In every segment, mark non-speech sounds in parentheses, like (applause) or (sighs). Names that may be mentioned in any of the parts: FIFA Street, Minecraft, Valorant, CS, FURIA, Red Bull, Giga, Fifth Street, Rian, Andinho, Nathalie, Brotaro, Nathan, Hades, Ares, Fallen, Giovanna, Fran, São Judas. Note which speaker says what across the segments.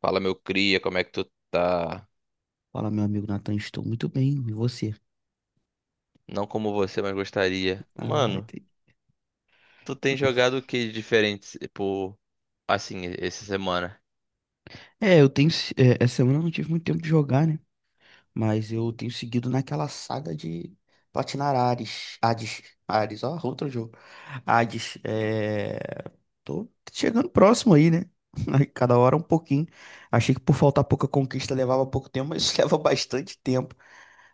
Speaker 1: Fala, meu cria, como é que tu tá?
Speaker 2: Fala, meu amigo Nathan, estou muito bem, e você?
Speaker 1: Não como você, mas gostaria.
Speaker 2: Ah,
Speaker 1: Mano,
Speaker 2: entendi.
Speaker 1: tu tem jogado o que de diferente, tipo, assim, essa semana?
Speaker 2: É, eu tenho. Essa semana eu não tive muito tempo de jogar, né? Mas eu tenho seguido naquela saga de platinar Ares. Hades. Ares, ó, outro jogo. Hades. Tô chegando próximo aí, né? (laughs) Aí, cada hora um pouquinho. Achei que por faltar pouca conquista levava pouco tempo, mas isso (laughs) leva bastante tempo.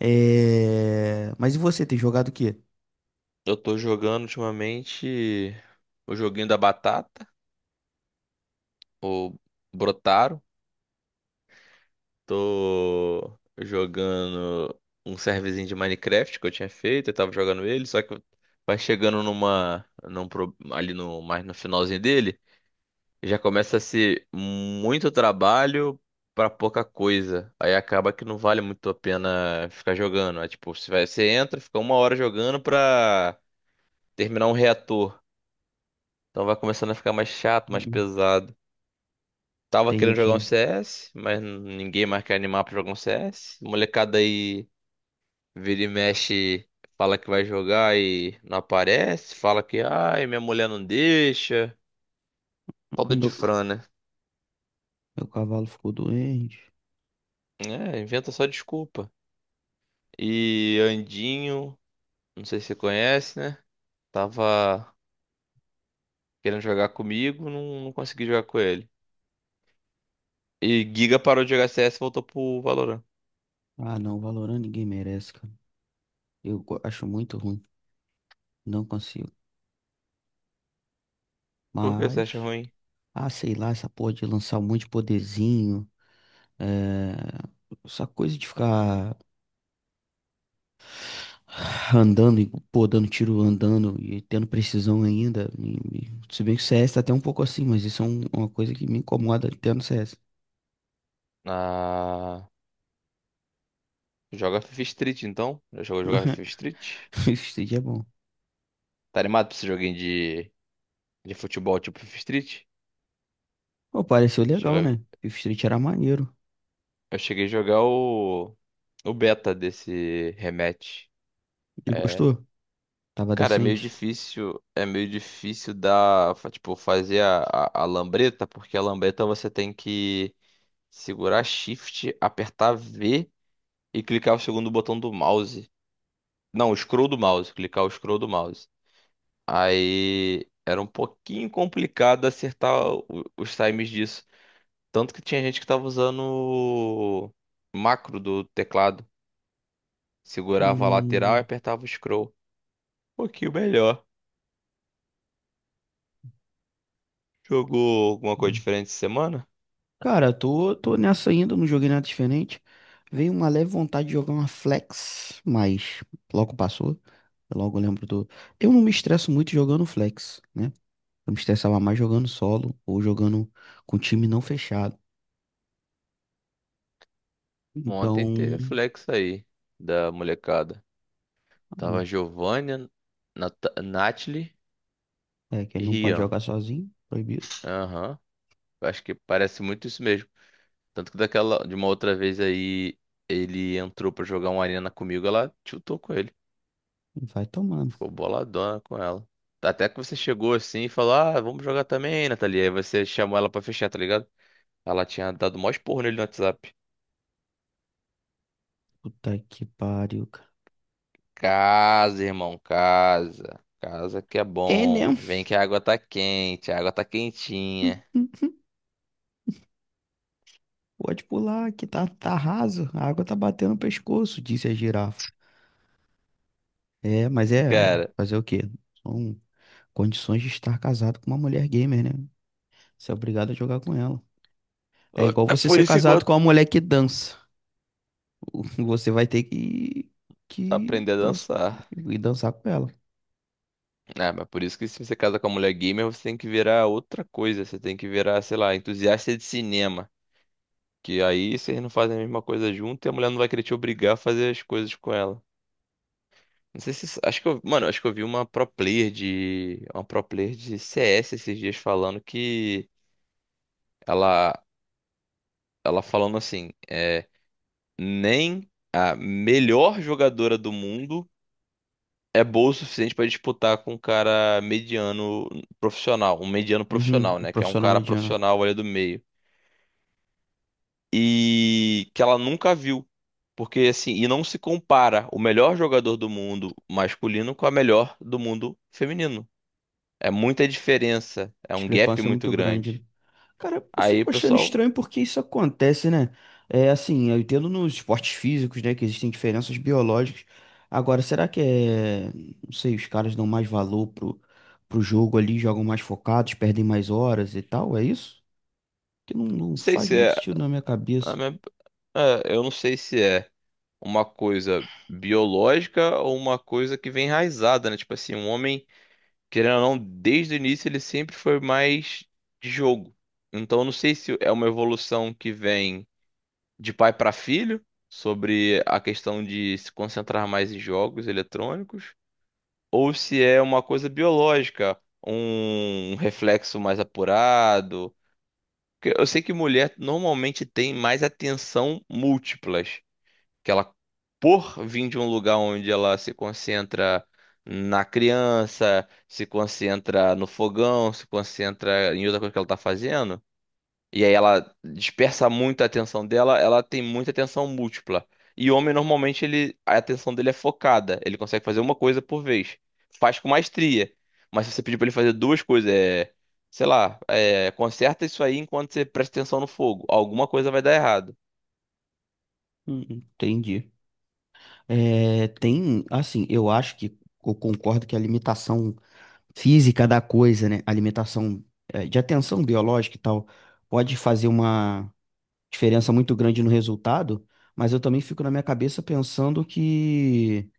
Speaker 2: Mas e você, tem jogado o quê?
Speaker 1: Eu tô jogando ultimamente o joguinho da batata, o Brotaro. Tô jogando um serverzinho de Minecraft que eu tinha feito, eu tava jogando ele, só que vai chegando numa, num, pro- ali no, mais no finalzinho dele. Já começa a ser muito trabalho pra pouca coisa. Aí acaba que não vale muito a pena ficar jogando. É tipo, você vai, você entra, fica uma hora jogando pra terminar um reator. Então vai começando a ficar mais chato, mais
Speaker 2: Hum,
Speaker 1: pesado. Tava querendo jogar um
Speaker 2: Entendi.
Speaker 1: CS, mas ninguém mais quer animar pra jogar um CS. Molecada aí vira e mexe, fala que vai jogar e não aparece. Fala que, ai, minha mulher não deixa. Pobre de
Speaker 2: Meu,
Speaker 1: Fran, né?
Speaker 2: meu cavalo ficou doente.
Speaker 1: É, inventa só desculpa. E Andinho, não sei se você conhece, né? Tava querendo jogar comigo, não consegui jogar com ele. E Giga parou de jogar CS e voltou pro Valorant.
Speaker 2: Ah, não, Valorant ninguém merece, cara. Eu acho muito ruim. Não consigo.
Speaker 1: Por que você
Speaker 2: Mas,
Speaker 1: acha ruim?
Speaker 2: ah, sei lá, essa porra de lançar um monte de poderzinho. É... Essa coisa de ficar (sighs) andando e, pô, dando tiro andando e tendo precisão ainda. Se bem que o CS tá até um pouco assim, mas isso é uma coisa que me incomoda até no CS.
Speaker 1: Ah, joga FIFA Street então? Já jogou jogar FIFA Street?
Speaker 2: (laughs) Fifth Street é bom.
Speaker 1: Tá animado pra esse joguinho de futebol tipo FIFA Street?
Speaker 2: Pô, pareceu legal,
Speaker 1: Chega-
Speaker 2: né? Fifth Street era maneiro.
Speaker 1: Eu cheguei a jogar o beta desse rematch.
Speaker 2: E
Speaker 1: É,
Speaker 2: gostou? Tava
Speaker 1: Cara,
Speaker 2: decente?
Speaker 1: é meio difícil tipo, fazer a lambreta, porque a lambreta você tem que segurar Shift, apertar V e clicar o segundo botão do mouse. Não, o scroll do mouse, clicar o scroll do mouse. Aí era um pouquinho complicado acertar o- os times disso. Tanto que tinha gente que tava usando o macro do teclado. Segurava a lateral e
Speaker 2: Hum.
Speaker 1: apertava o scroll. Um pouquinho melhor. Jogou alguma coisa
Speaker 2: Hum.
Speaker 1: diferente essa semana?
Speaker 2: Cara, tô nessa ainda, não joguei nada diferente. Veio uma leve vontade de jogar uma flex, mas logo passou. Eu logo lembro do. Eu não me estresso muito jogando flex, né? Eu me estressava mais jogando solo ou jogando com time não fechado.
Speaker 1: Ontem teve a
Speaker 2: Então,
Speaker 1: flex aí da molecada. Tava
Speaker 2: ah,
Speaker 1: Giovanna, Nathalie,
Speaker 2: é que
Speaker 1: e
Speaker 2: ele não pode
Speaker 1: Rian.
Speaker 2: jogar sozinho, proibido.
Speaker 1: Aham. Eu Acho que parece muito isso mesmo. Tanto que daquela, de uma outra vez aí, ele entrou pra jogar uma arena comigo, ela tiltou com ele.
Speaker 2: Vai tomando.
Speaker 1: Ficou boladona com ela. Até que você chegou assim e falou, ah, vamos jogar também, Nathalie. Aí você chamou ela pra fechar, tá ligado? Ela tinha dado o maior esporro nele no WhatsApp.
Speaker 2: Puta que pariu, cara.
Speaker 1: Casa, irmão, casa. Casa que é
Speaker 2: É, né?
Speaker 1: bom. Vem que a água tá quente, a água tá quentinha.
Speaker 2: (laughs) Pode pular, que tá raso. A água tá batendo no pescoço, disse a girafa. É, mas é
Speaker 1: Cara,
Speaker 2: fazer o quê? São condições de estar casado com uma mulher gamer, né? Você é obrigado a jogar com ela. É
Speaker 1: ô,
Speaker 2: igual
Speaker 1: é
Speaker 2: você
Speaker 1: por
Speaker 2: ser
Speaker 1: isso que eu
Speaker 2: casado com uma mulher que dança. (laughs) Você vai ter que
Speaker 1: aprendi a dançar.
Speaker 2: ir dançar com ela.
Speaker 1: É, mas por isso que se você casa com a mulher gamer, você tem que virar outra coisa. Você tem que virar, sei lá, entusiasta de cinema. Que aí vocês não fazem a mesma coisa junto e a mulher não vai querer te obrigar a fazer as coisas com ela. Não sei se. Acho que eu. Mano, acho que eu vi uma pro player de. Uma pro player de CS esses dias falando que. Ela. Ela falando assim. Nem a melhor jogadora do mundo é boa o suficiente para disputar com um cara mediano profissional, um mediano
Speaker 2: Uhum,
Speaker 1: profissional,
Speaker 2: o
Speaker 1: né? Que é um
Speaker 2: profissional
Speaker 1: cara
Speaker 2: mediano.
Speaker 1: profissional ali do meio. E que ela nunca viu. Porque assim, e não se compara o melhor jogador do mundo masculino com a melhor do mundo feminino. É muita diferença, é um gap
Speaker 2: Discrepância é
Speaker 1: muito
Speaker 2: muito grande, né?
Speaker 1: grande.
Speaker 2: Cara, eu
Speaker 1: Aí,
Speaker 2: fico achando
Speaker 1: pessoal, não
Speaker 2: estranho porque isso acontece, né? É assim, eu entendo nos esportes físicos, né, que existem diferenças biológicas. Agora, será que é, não sei, os caras dão mais valor pro jogo ali, jogam mais focados, perdem mais horas e tal, é isso? Que não, não
Speaker 1: sei
Speaker 2: faz
Speaker 1: se
Speaker 2: muito
Speaker 1: é,
Speaker 2: sentido na minha cabeça.
Speaker 1: é, eu não sei se é. Uma coisa biológica ou uma coisa que vem enraizada, né? Tipo assim, um homem, querendo ou não, desde o início ele sempre foi mais de jogo. Então, eu não sei se é uma evolução que vem de pai para filho, sobre a questão de se concentrar mais em jogos eletrônicos, ou se é uma coisa biológica, um reflexo mais apurado. Porque eu sei que mulher normalmente tem mais atenção múltiplas que ela, por vir de um lugar onde ela se concentra na criança, se concentra no fogão, se concentra em outra coisa que ela tá fazendo, e aí ela dispersa muito a atenção dela, ela tem muita atenção múltipla. E homem, normalmente, ele, a atenção dele é focada, ele consegue fazer uma coisa por vez. Faz com maestria. Mas se você pedir pra ele fazer duas coisas, sei lá, conserta isso aí enquanto você presta atenção no fogo. Alguma coisa vai dar errado.
Speaker 2: Entendi. É, tem, assim, eu acho que eu concordo que a limitação física da coisa, né? A limitação é, de atenção biológica e tal, pode fazer uma diferença muito grande no resultado, mas eu também fico na minha cabeça pensando que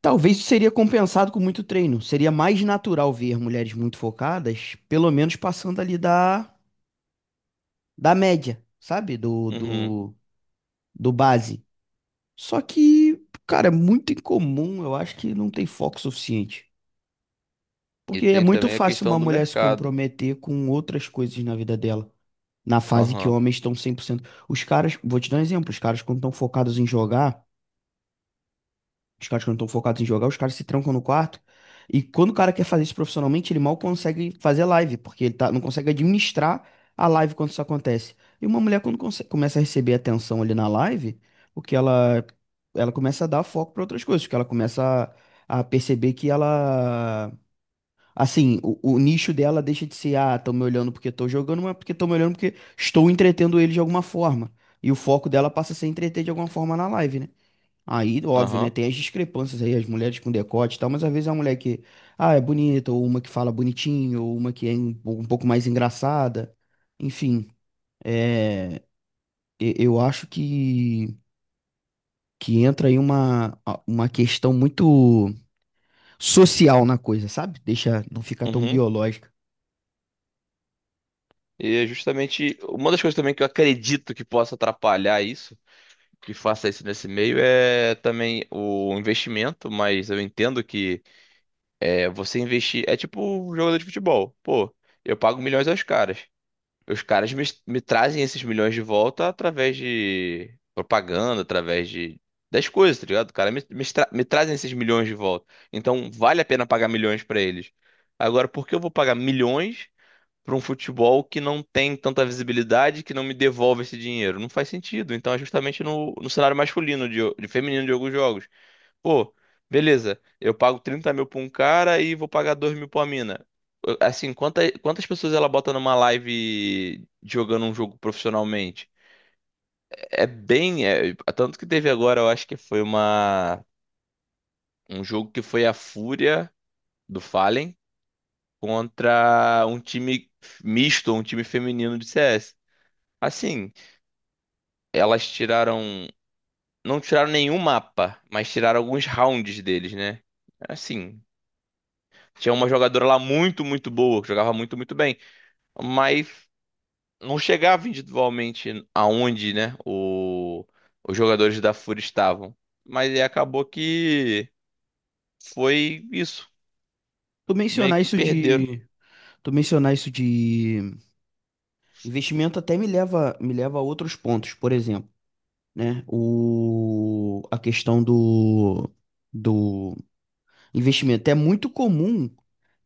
Speaker 2: talvez isso seria compensado com muito treino. Seria mais natural ver mulheres muito focadas, pelo menos passando ali da média, sabe? Do,
Speaker 1: Uhum.
Speaker 2: do, do base. Só que, cara, é muito incomum, eu acho que não tem foco suficiente.
Speaker 1: E
Speaker 2: Porque é
Speaker 1: tem
Speaker 2: muito
Speaker 1: também a
Speaker 2: fácil uma
Speaker 1: questão do
Speaker 2: mulher se
Speaker 1: mercado.
Speaker 2: comprometer com outras coisas na vida dela, na fase que
Speaker 1: Aham,
Speaker 2: homens estão cem por cento. Os caras, vou te dar um exemplo, os caras quando estão focados em jogar. Os caras que não estão focados em jogar, os caras se trancam no quarto. E quando o cara quer fazer isso profissionalmente, ele mal consegue fazer live, porque ele tá, não consegue administrar a live quando isso acontece. E uma mulher, quando começa a receber atenção ali na live, o que ela começa a dar foco para outras coisas, porque ela começa a perceber que ela. Assim, o nicho dela deixa de ser, ah, estão me olhando porque estou jogando, mas porque estão me olhando porque estou entretendo ele de alguma forma. E o foco dela passa a ser entreter de alguma forma na live, né? Aí, óbvio, né?
Speaker 1: aham,
Speaker 2: Tem as discrepâncias aí, as mulheres com decote e tal, mas às vezes é uma mulher que, ah, é bonita, ou uma que fala bonitinho, ou uma que é um pouco mais engraçada. Enfim, é, eu acho que entra aí uma questão muito social na coisa, sabe? Deixa não ficar tão
Speaker 1: uhum.
Speaker 2: biológica.
Speaker 1: E é justamente uma das coisas também que eu acredito que possa atrapalhar isso, que faça isso nesse meio, é também o investimento. Mas eu entendo que você investir é tipo um jogador de futebol. Pô, eu pago milhões aos caras. Os caras me trazem esses milhões de volta através de propaganda, através de das coisas, tá ligado? O cara me trazem esses milhões de volta. Então vale a pena pagar milhões pra eles. Agora, por que eu vou pagar milhões pra um futebol que não tem tanta visibilidade, que não me devolve esse dinheiro? Não faz sentido. Então é justamente no cenário masculino de feminino de alguns jogos. Pô, beleza, eu pago 30 mil pra um cara e vou pagar 2 mil pra uma mina. Assim, quantas pessoas ela bota numa live jogando um jogo profissionalmente? É bem. É, tanto que teve agora, eu acho que foi um jogo que foi a Fúria do Fallen contra um time misto, um time feminino de CS. Assim, elas tiraram. Não tiraram nenhum mapa, mas tiraram alguns rounds deles, né? Assim. Tinha uma jogadora lá muito, muito boa, que jogava muito, muito bem. Mas não chegava individualmente aonde, né, os jogadores da FURIA estavam. Mas aí acabou que foi isso.
Speaker 2: Tu
Speaker 1: Meio
Speaker 2: mencionar
Speaker 1: que
Speaker 2: isso
Speaker 1: perderam.
Speaker 2: de, tu mencionar isso de investimento até me leva, a outros pontos, por exemplo, né? A questão do investimento. É muito comum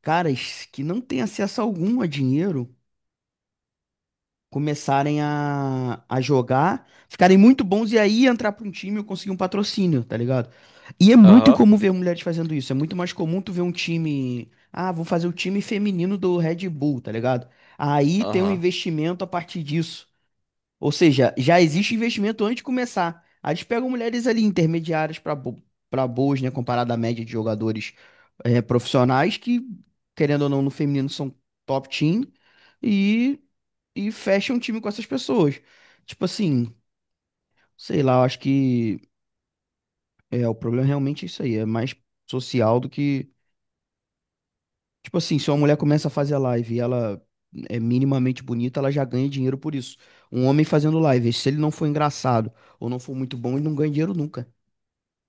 Speaker 2: caras que não têm acesso algum a dinheiro começarem a jogar, ficarem muito bons e aí entrar para um time e conseguir um patrocínio, tá ligado? E é muito
Speaker 1: Aham,
Speaker 2: incomum ver mulheres fazendo isso. É muito mais comum tu ver um time. Ah, vou fazer o time feminino do Red Bull, tá ligado? Aí tem um
Speaker 1: aham,
Speaker 2: investimento a partir disso. Ou seja, já existe investimento antes de começar. Aí eles pegam mulheres ali intermediárias para boas, né? Comparado à média de jogadores profissionais que, querendo ou não, no feminino são top team e, e fecham um time com essas pessoas. Tipo assim, sei lá, eu acho que é, o problema realmente é isso aí, é mais social do que. Tipo assim, se uma mulher começa a fazer live e ela é minimamente bonita, ela já ganha dinheiro por isso. Um homem fazendo live, se ele não for engraçado ou não for muito bom, ele não ganha dinheiro nunca.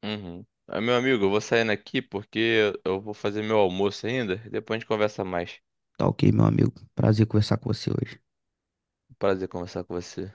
Speaker 1: uhum. Ah, meu amigo, eu vou saindo aqui porque eu vou fazer meu almoço ainda. Depois a gente conversa mais.
Speaker 2: Tá ok, meu amigo. Prazer conversar com você hoje.
Speaker 1: Prazer conversar com você.